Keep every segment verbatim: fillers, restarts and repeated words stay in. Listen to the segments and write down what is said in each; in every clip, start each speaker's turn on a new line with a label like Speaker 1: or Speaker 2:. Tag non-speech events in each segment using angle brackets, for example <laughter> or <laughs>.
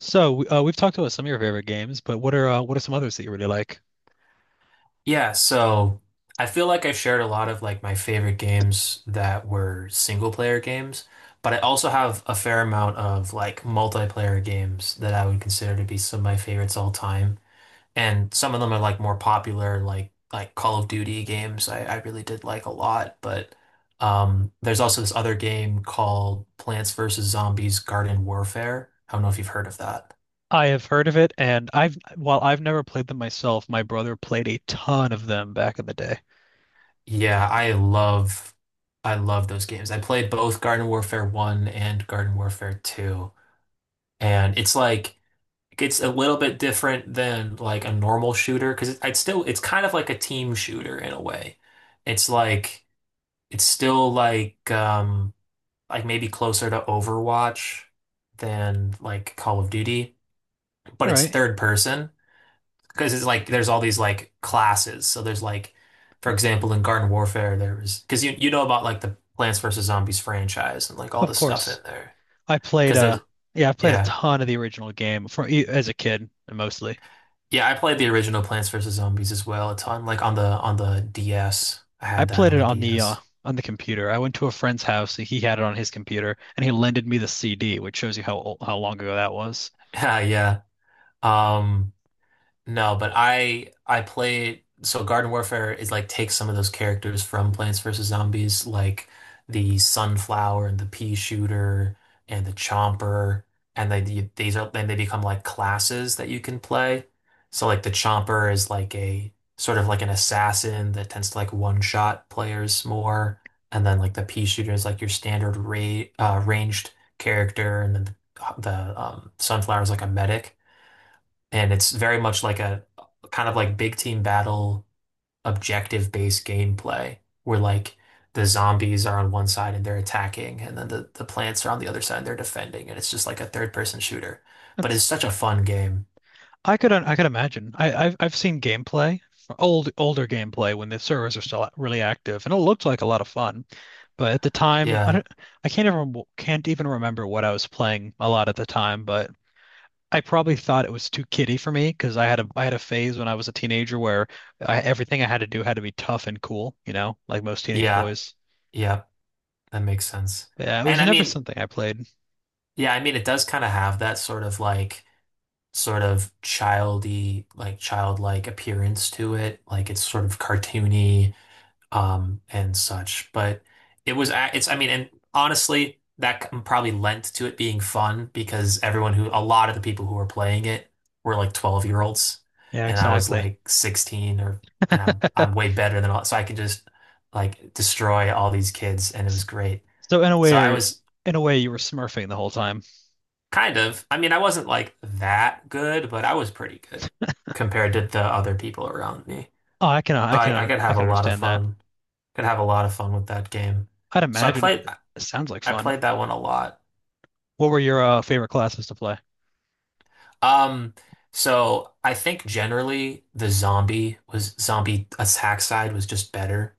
Speaker 1: So uh, we've talked about some of your favorite games, but what are uh, what are some others that you really like?
Speaker 2: Yeah, so I feel like I've shared a lot of like my favorite games that were single player games, but I also have a fair amount of like multiplayer games that I would consider to be some of my favorites all time. And some of them are like more popular, like like Call of Duty games, I, I really did like a lot. But um there's also this other game called Plants versus. Zombies Garden Warfare. I don't know if you've heard of that.
Speaker 1: I have heard of it, and I've while I've never played them myself. My brother played a ton of them back in the day.
Speaker 2: Yeah, I love I love those games. I played both Garden Warfare one and Garden Warfare two. And it's like, it's a little bit different than like a normal shooter because it, it's still it's kind of like a team shooter in a way. It's like it's still like um Like maybe closer to Overwatch than like Call of Duty, but
Speaker 1: All
Speaker 2: it's
Speaker 1: right,
Speaker 2: third person because it's like there's all these like classes. So there's like, for example, in Garden Warfare, there was because you you know about like the Plants vs Zombies franchise and like all
Speaker 1: of
Speaker 2: the stuff in
Speaker 1: course.
Speaker 2: there.
Speaker 1: I played
Speaker 2: Because
Speaker 1: uh
Speaker 2: there's
Speaker 1: yeah, I played a
Speaker 2: Yeah,
Speaker 1: ton of the original game from as a kid mostly.
Speaker 2: yeah, I played the original Plants vs Zombies as well a ton, like on the on the D S. I
Speaker 1: I
Speaker 2: had that
Speaker 1: played
Speaker 2: on
Speaker 1: it
Speaker 2: the
Speaker 1: on the uh
Speaker 2: D S.
Speaker 1: on the computer. I went to a friend's house, and he had it on his computer, and he lended me the C D, which shows you how ol- how long ago that was.
Speaker 2: <laughs> Yeah, yeah. um. No, but I I played, so Garden Warfare is like, takes some of those characters from Plants versus. Zombies, like the Sunflower and the Pea Shooter and the Chomper, and they you- these are then they become like classes that you can play. So like the Chomper is like a sort of like an assassin that tends to like one-shot players more, and then like the Pea Shooter is like your standard ra uh, ranged character, and then the, the um, Sunflower is like a medic, and it's very much like a kind of like big team battle objective based gameplay where like the zombies are on one side and they're attacking, and then the, the plants are on the other side and they're defending, and it's just like a third person shooter, but it's
Speaker 1: That's
Speaker 2: such a fun game.
Speaker 1: I could I could imagine. I, I've I've seen gameplay, old older gameplay when the servers are still really active, and it looked like a lot of fun. But at the time, I
Speaker 2: Yeah,
Speaker 1: don't, I can't even can't even remember what I was playing a lot at the time. But I probably thought it was too kiddie for me, because I had a I had a phase when I was a teenager where I, everything I had to do had to be tough and cool, you know, like most teenage
Speaker 2: yeah,
Speaker 1: boys.
Speaker 2: yeah, that makes sense.
Speaker 1: But yeah, it was
Speaker 2: And I
Speaker 1: never
Speaker 2: mean,
Speaker 1: something I played.
Speaker 2: yeah, I mean, it does kind of have that sort of like, sort of childy like childlike appearance to it, like it's sort of cartoony, um, and such. But it was, a- it's, I mean, and honestly, that c- probably lent to it being fun because everyone who, a lot of the people who were playing it were like twelve-year-olds,
Speaker 1: Yeah,
Speaker 2: and I was
Speaker 1: exactly.
Speaker 2: like sixteen or, and I'm, I'm way
Speaker 1: <laughs>
Speaker 2: better than all, so I could just like destroy all these kids, and it was great.
Speaker 1: So in a
Speaker 2: So I
Speaker 1: way,
Speaker 2: was
Speaker 1: in a way, you were smurfing the whole time.
Speaker 2: kind of, I mean, I wasn't like that good, but I was pretty good compared to the other people around me.
Speaker 1: Oh, I can I
Speaker 2: So I, I
Speaker 1: can
Speaker 2: could
Speaker 1: I
Speaker 2: have a
Speaker 1: can
Speaker 2: lot of
Speaker 1: understand that.
Speaker 2: fun, could have a lot of fun with that game.
Speaker 1: I'd
Speaker 2: So I
Speaker 1: imagine it,
Speaker 2: played.
Speaker 1: it sounds like
Speaker 2: I
Speaker 1: fun.
Speaker 2: played that one a lot.
Speaker 1: What were your uh, favorite classes to play?
Speaker 2: Um, so I think generally the zombie was zombie attack side was just better.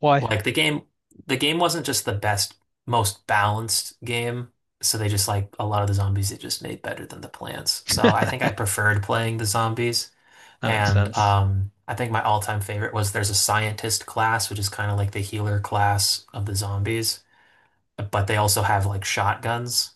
Speaker 1: Why?
Speaker 2: Like the game, the game wasn't just the best, most balanced game. So they just, like, a lot of the zombies they just made better than the plants. So I think I preferred playing the zombies.
Speaker 1: That makes
Speaker 2: And
Speaker 1: sense.
Speaker 2: um, I think my all-time favorite was there's a scientist class, which is kind of like the healer class of the zombies, but they also have like shotguns.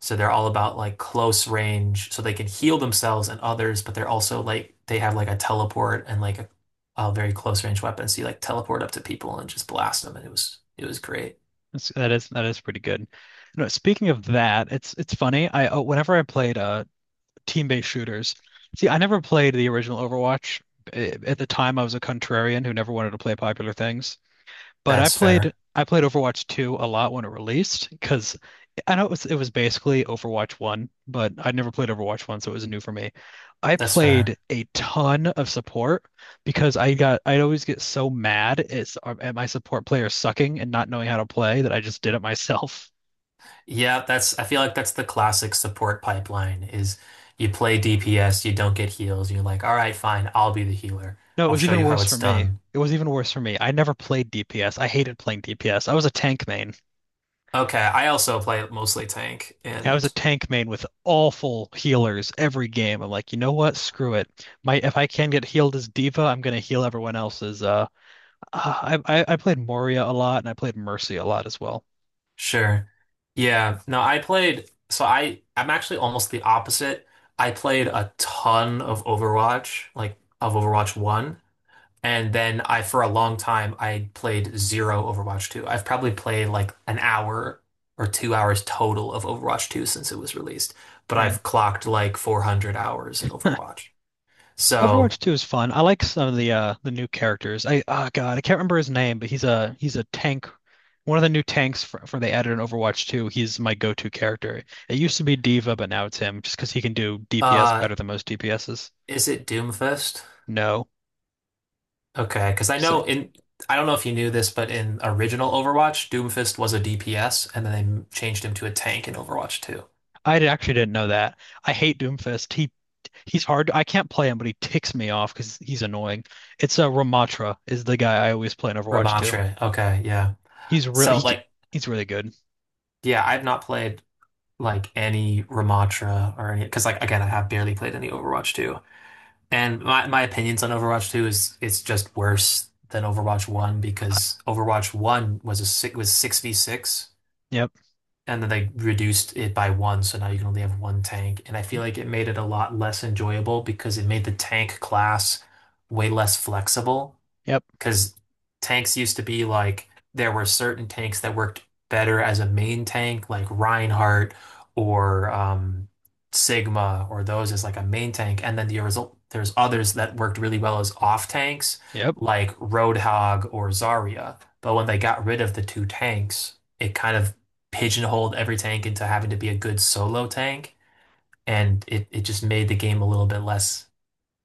Speaker 2: So they're all about like close range, so they can heal themselves and others, but they're also like they have like a teleport and like a, a very close range weapon. So you like teleport up to people and just blast them, and it was it was great.
Speaker 1: That's, that is that is pretty good. No, speaking of that, it's it's funny. I uh, whenever I played uh team-based shooters, see, I never played the original Overwatch. Eh, At the time, I was a contrarian who never wanted to play popular things. But I
Speaker 2: That's
Speaker 1: played
Speaker 2: fair.
Speaker 1: I played Overwatch two a lot when it released, because I know it was it was basically Overwatch one, but I'd never played Overwatch one, so it was new for me. I
Speaker 2: That's
Speaker 1: played
Speaker 2: fair.
Speaker 1: a ton of support because I got I'd always get so mad at, at my support players sucking and not knowing how to play that I just did it myself. <laughs>
Speaker 2: Yeah, that's I feel like that's the classic support pipeline is you play D P S, you don't get heals, and you're like, all right, fine, I'll be the healer.
Speaker 1: No, it
Speaker 2: I'll
Speaker 1: was
Speaker 2: show
Speaker 1: even
Speaker 2: you how
Speaker 1: worse for
Speaker 2: it's
Speaker 1: me.
Speaker 2: done.
Speaker 1: It was even worse for me. I never played D P S. I hated playing D P S. I was a tank main.
Speaker 2: Okay, I also play mostly tank
Speaker 1: I was a
Speaker 2: and
Speaker 1: tank main with awful healers every game. I'm like, you know what? Screw it. My, if I can get healed as Diva, I'm gonna heal everyone else's. Uh, uh, I I, I played Moria a lot, and I played Mercy a lot as well.
Speaker 2: Sure. Yeah. No, I played, so I I'm actually almost the opposite. I played a ton of Overwatch, like of Overwatch one, and then I for a long time I played zero Overwatch two. I've probably played like an hour or two hours total of Overwatch two since it was released, but
Speaker 1: Dang.
Speaker 2: I've clocked like four hundred hours in Overwatch.
Speaker 1: <laughs>
Speaker 2: So,
Speaker 1: Overwatch two is fun. I like some of the uh the new characters. I, oh God, I can't remember his name, but he's a he's a tank. One of the new tanks for, for they added in Overwatch two. He's my go-to character. It used to be Diva, but now it's him, just because he can do D P S
Speaker 2: uh,
Speaker 1: better than most D P Ss.
Speaker 2: is it Doomfist?
Speaker 1: No,
Speaker 2: Okay, because I
Speaker 1: so
Speaker 2: know in I don't know if you knew this, but in original Overwatch, Doomfist was a D P S, and then they changed him to a tank in Overwatch two.
Speaker 1: I d- Actually didn't know that. I hate Doomfist. He he's hard. I can't play him, but he ticks me off because he's annoying. It's uh, Ramatra is the guy I always play in Overwatch too.
Speaker 2: Ramatra. Okay, yeah.
Speaker 1: He's really
Speaker 2: So
Speaker 1: he c-
Speaker 2: like,
Speaker 1: he's really good.
Speaker 2: yeah, I've not played like any Ramatra or any because like again, I have barely played any Overwatch two. And my my opinions on Overwatch two is it's just worse than Overwatch one
Speaker 1: Uh,
Speaker 2: because Overwatch one was a six was six v six
Speaker 1: Yep,
Speaker 2: and then they reduced it by one, so now you can only have one tank. And I feel like it made it a lot less enjoyable because it made the tank class way less flexible.
Speaker 1: yep,
Speaker 2: Because tanks used to be like there were certain tanks that worked better as a main tank, like Reinhardt or um, Sigma, or those as like a main tank. And then the result, there's others that worked really well as off tanks,
Speaker 1: yep.
Speaker 2: like Roadhog or Zarya. But when they got rid of the two tanks, it kind of pigeonholed every tank into having to be a good solo tank. And it, it just made the game a little bit less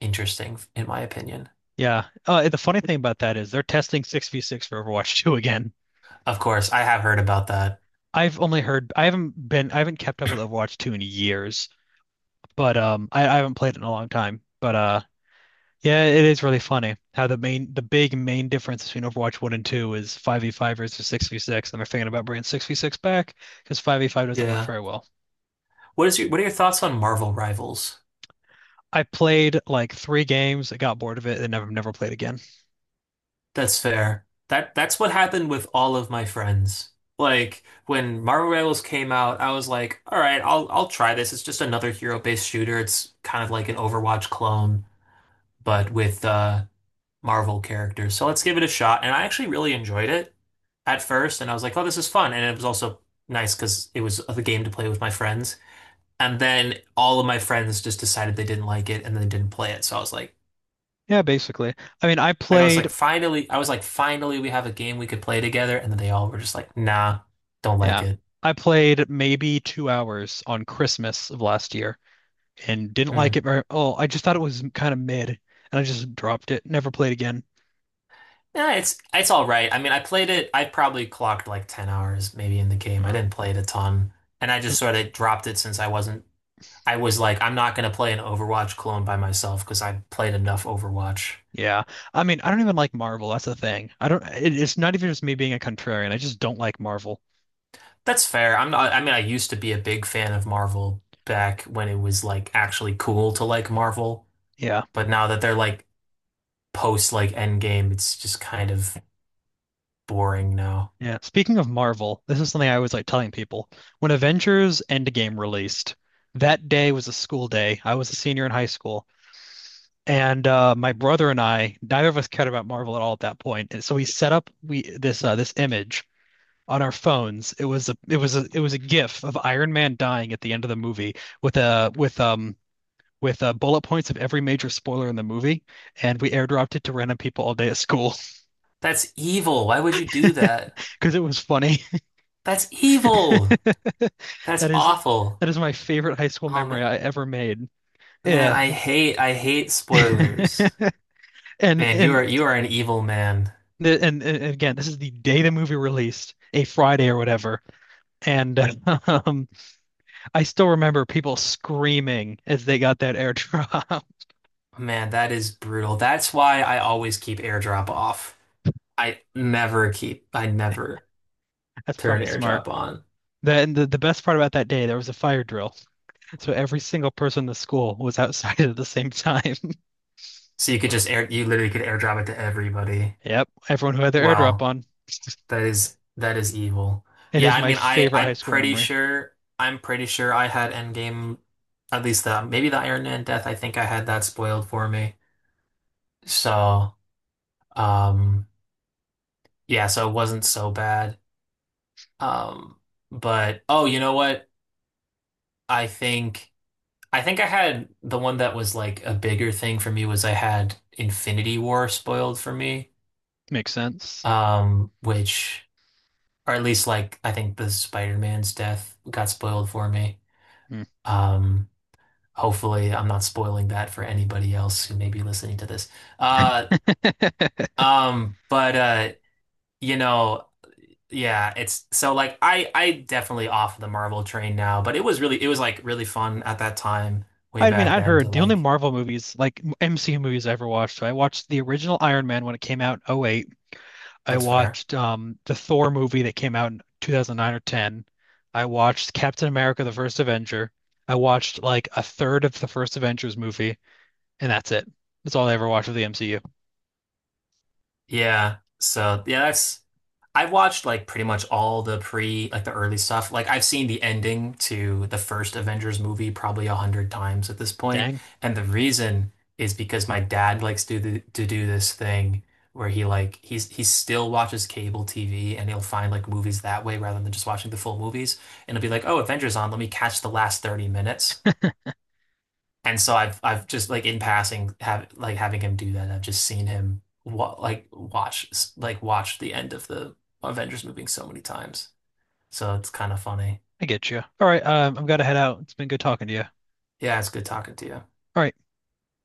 Speaker 2: interesting, in my opinion.
Speaker 1: Yeah. Uh, the funny thing about that is they're testing six v six for Overwatch <laughs> two again.
Speaker 2: Of course, I have heard about that.
Speaker 1: I've only heard I haven't been I haven't kept up with Overwatch two in years, but um I, I haven't played it in a long time. But uh yeah, it is really funny how the main, the big main difference between Overwatch one and two is five v five versus six v six. And they're thinking about bringing six v six back because five v five doesn't work
Speaker 2: Yeah.
Speaker 1: very well.
Speaker 2: What is your what are your thoughts on Marvel Rivals?
Speaker 1: I played like three games, I got bored of it, and never never played again.
Speaker 2: That's fair. That that's what happened with all of my friends. Like when Marvel Rivals came out, I was like, all right, I'll I'll try this. It's just another hero-based shooter. It's kind of like an Overwatch clone, but with uh Marvel characters. So let's give it a shot. And I actually really enjoyed it at first, and I was like, oh, this is fun. And it was also nice because it was the game to play with my friends. And then all of my friends just decided they didn't like it and then didn't play it. So I was like,
Speaker 1: Yeah, basically. I mean, I
Speaker 2: Like I was
Speaker 1: played,
Speaker 2: like, finally, I was like, finally, we have a game we could play together. And then they all were just like, nah, don't like
Speaker 1: yeah,
Speaker 2: it.
Speaker 1: I played maybe two hours on Christmas of last year, and didn't
Speaker 2: Hmm.
Speaker 1: like it very. Oh, I just thought it was kind of mid, and I just dropped it. Never played again.
Speaker 2: Yeah, it's it's all right. I mean, I played it. I probably clocked like ten hours maybe in the game. I didn't play it a ton. And I just sort of dropped it since I wasn't, I was like, I'm not going to play an Overwatch clone by myself because I played enough Overwatch.
Speaker 1: Yeah. I mean, I don't even like Marvel. That's the thing. I don't, it, It's not even just me being a contrarian. I just don't like Marvel.
Speaker 2: That's fair. I'm not, I mean, I used to be a big fan of Marvel back when it was like actually cool to like Marvel.
Speaker 1: Yeah.
Speaker 2: But now that they're like post like Endgame, it's just kind of boring now.
Speaker 1: Yeah. Speaking of Marvel, this is something I always like telling people. When Avengers Endgame released, that day was a school day. I was a senior in high school. And uh, my brother and I, neither of us cared about Marvel at all at that point. And so we set up we this uh, this image on our phones. It was a it was a it was a GIF of Iron Man dying at the end of the movie with a with um with uh, bullet points of every major spoiler in the movie, and we airdropped it to random people all day at school
Speaker 2: That's evil. Why would you do that?
Speaker 1: because <laughs> it was funny.
Speaker 2: That's evil.
Speaker 1: <laughs>
Speaker 2: That's
Speaker 1: That is
Speaker 2: awful.
Speaker 1: that is my favorite high school
Speaker 2: Um,
Speaker 1: memory I ever made.
Speaker 2: Man,
Speaker 1: Yeah,
Speaker 2: I hate I hate
Speaker 1: <laughs>
Speaker 2: spoilers.
Speaker 1: and
Speaker 2: Man, you are
Speaker 1: and
Speaker 2: you are an evil man.
Speaker 1: and, and again, this is the day the movie released, a Friday or whatever, and um, I still remember people screaming as they got that airdrop.
Speaker 2: Man, that is brutal. That's why I always keep AirDrop off. I never keep I never
Speaker 1: <laughs> That's
Speaker 2: turn
Speaker 1: probably smart.
Speaker 2: AirDrop on.
Speaker 1: The, and the the best part about that day, there was a fire drill. So every single person in the school was outside <laughs> at the same time. <laughs>
Speaker 2: So you could just air you literally could AirDrop it to everybody.
Speaker 1: Yep, everyone who had their airdrop
Speaker 2: Wow.
Speaker 1: on.
Speaker 2: That is that is evil.
Speaker 1: It
Speaker 2: Yeah,
Speaker 1: is
Speaker 2: I
Speaker 1: my
Speaker 2: mean, I
Speaker 1: favorite high
Speaker 2: I'm
Speaker 1: school
Speaker 2: pretty
Speaker 1: memory.
Speaker 2: sure I'm pretty sure I had Endgame, at least the maybe the Iron Man death. I think I had that spoiled for me. So, um, yeah, so it wasn't so bad. Um, but oh, you know what? I think I think I had the one that was like a bigger thing for me was I had Infinity War spoiled for me.
Speaker 1: Makes sense.
Speaker 2: Um, which, or at least like I think the Spider-Man's death got spoiled for me.
Speaker 1: Hmm.
Speaker 2: Um. Hopefully, I'm not spoiling that for anybody else who may be listening to this. Uh,
Speaker 1: <laughs>
Speaker 2: um, but uh, you know, yeah, it's so like I I definitely off the Marvel train now, but it was really it was like really fun at that time, way
Speaker 1: I mean,
Speaker 2: back
Speaker 1: I'd
Speaker 2: then to
Speaker 1: heard the only
Speaker 2: like
Speaker 1: Marvel movies, like M C U movies I ever watched. So I watched the original Iron Man when it came out in oh 08. I
Speaker 2: that's fair.
Speaker 1: watched um, the Thor movie that came out in two thousand nine or ten. I watched Captain America: The First Avenger. I watched like a third of the first Avengers movie, and that's it. That's all I ever watched of the M C U.
Speaker 2: Yeah. So yeah, that's I've watched like pretty much all the pre like the early stuff. Like I've seen the ending to the first Avengers movie probably a hundred times at this point.
Speaker 1: Dang.
Speaker 2: And the reason is because my dad likes to do to do this thing where he like he's he still watches cable T V and he'll find like movies that way rather than just watching the full movies. And he'll be like, "Oh, Avengers on, let me catch the last thirty minutes." And so I've I've just like in passing have like having him do that. I've just seen him wa like watch like watch the end of the Avengers movie so many times. So it's kind of funny.
Speaker 1: I get you. All right, um, I'm gonna head out. It's been good talking to you. All
Speaker 2: Yeah, it's good talking to you.
Speaker 1: right.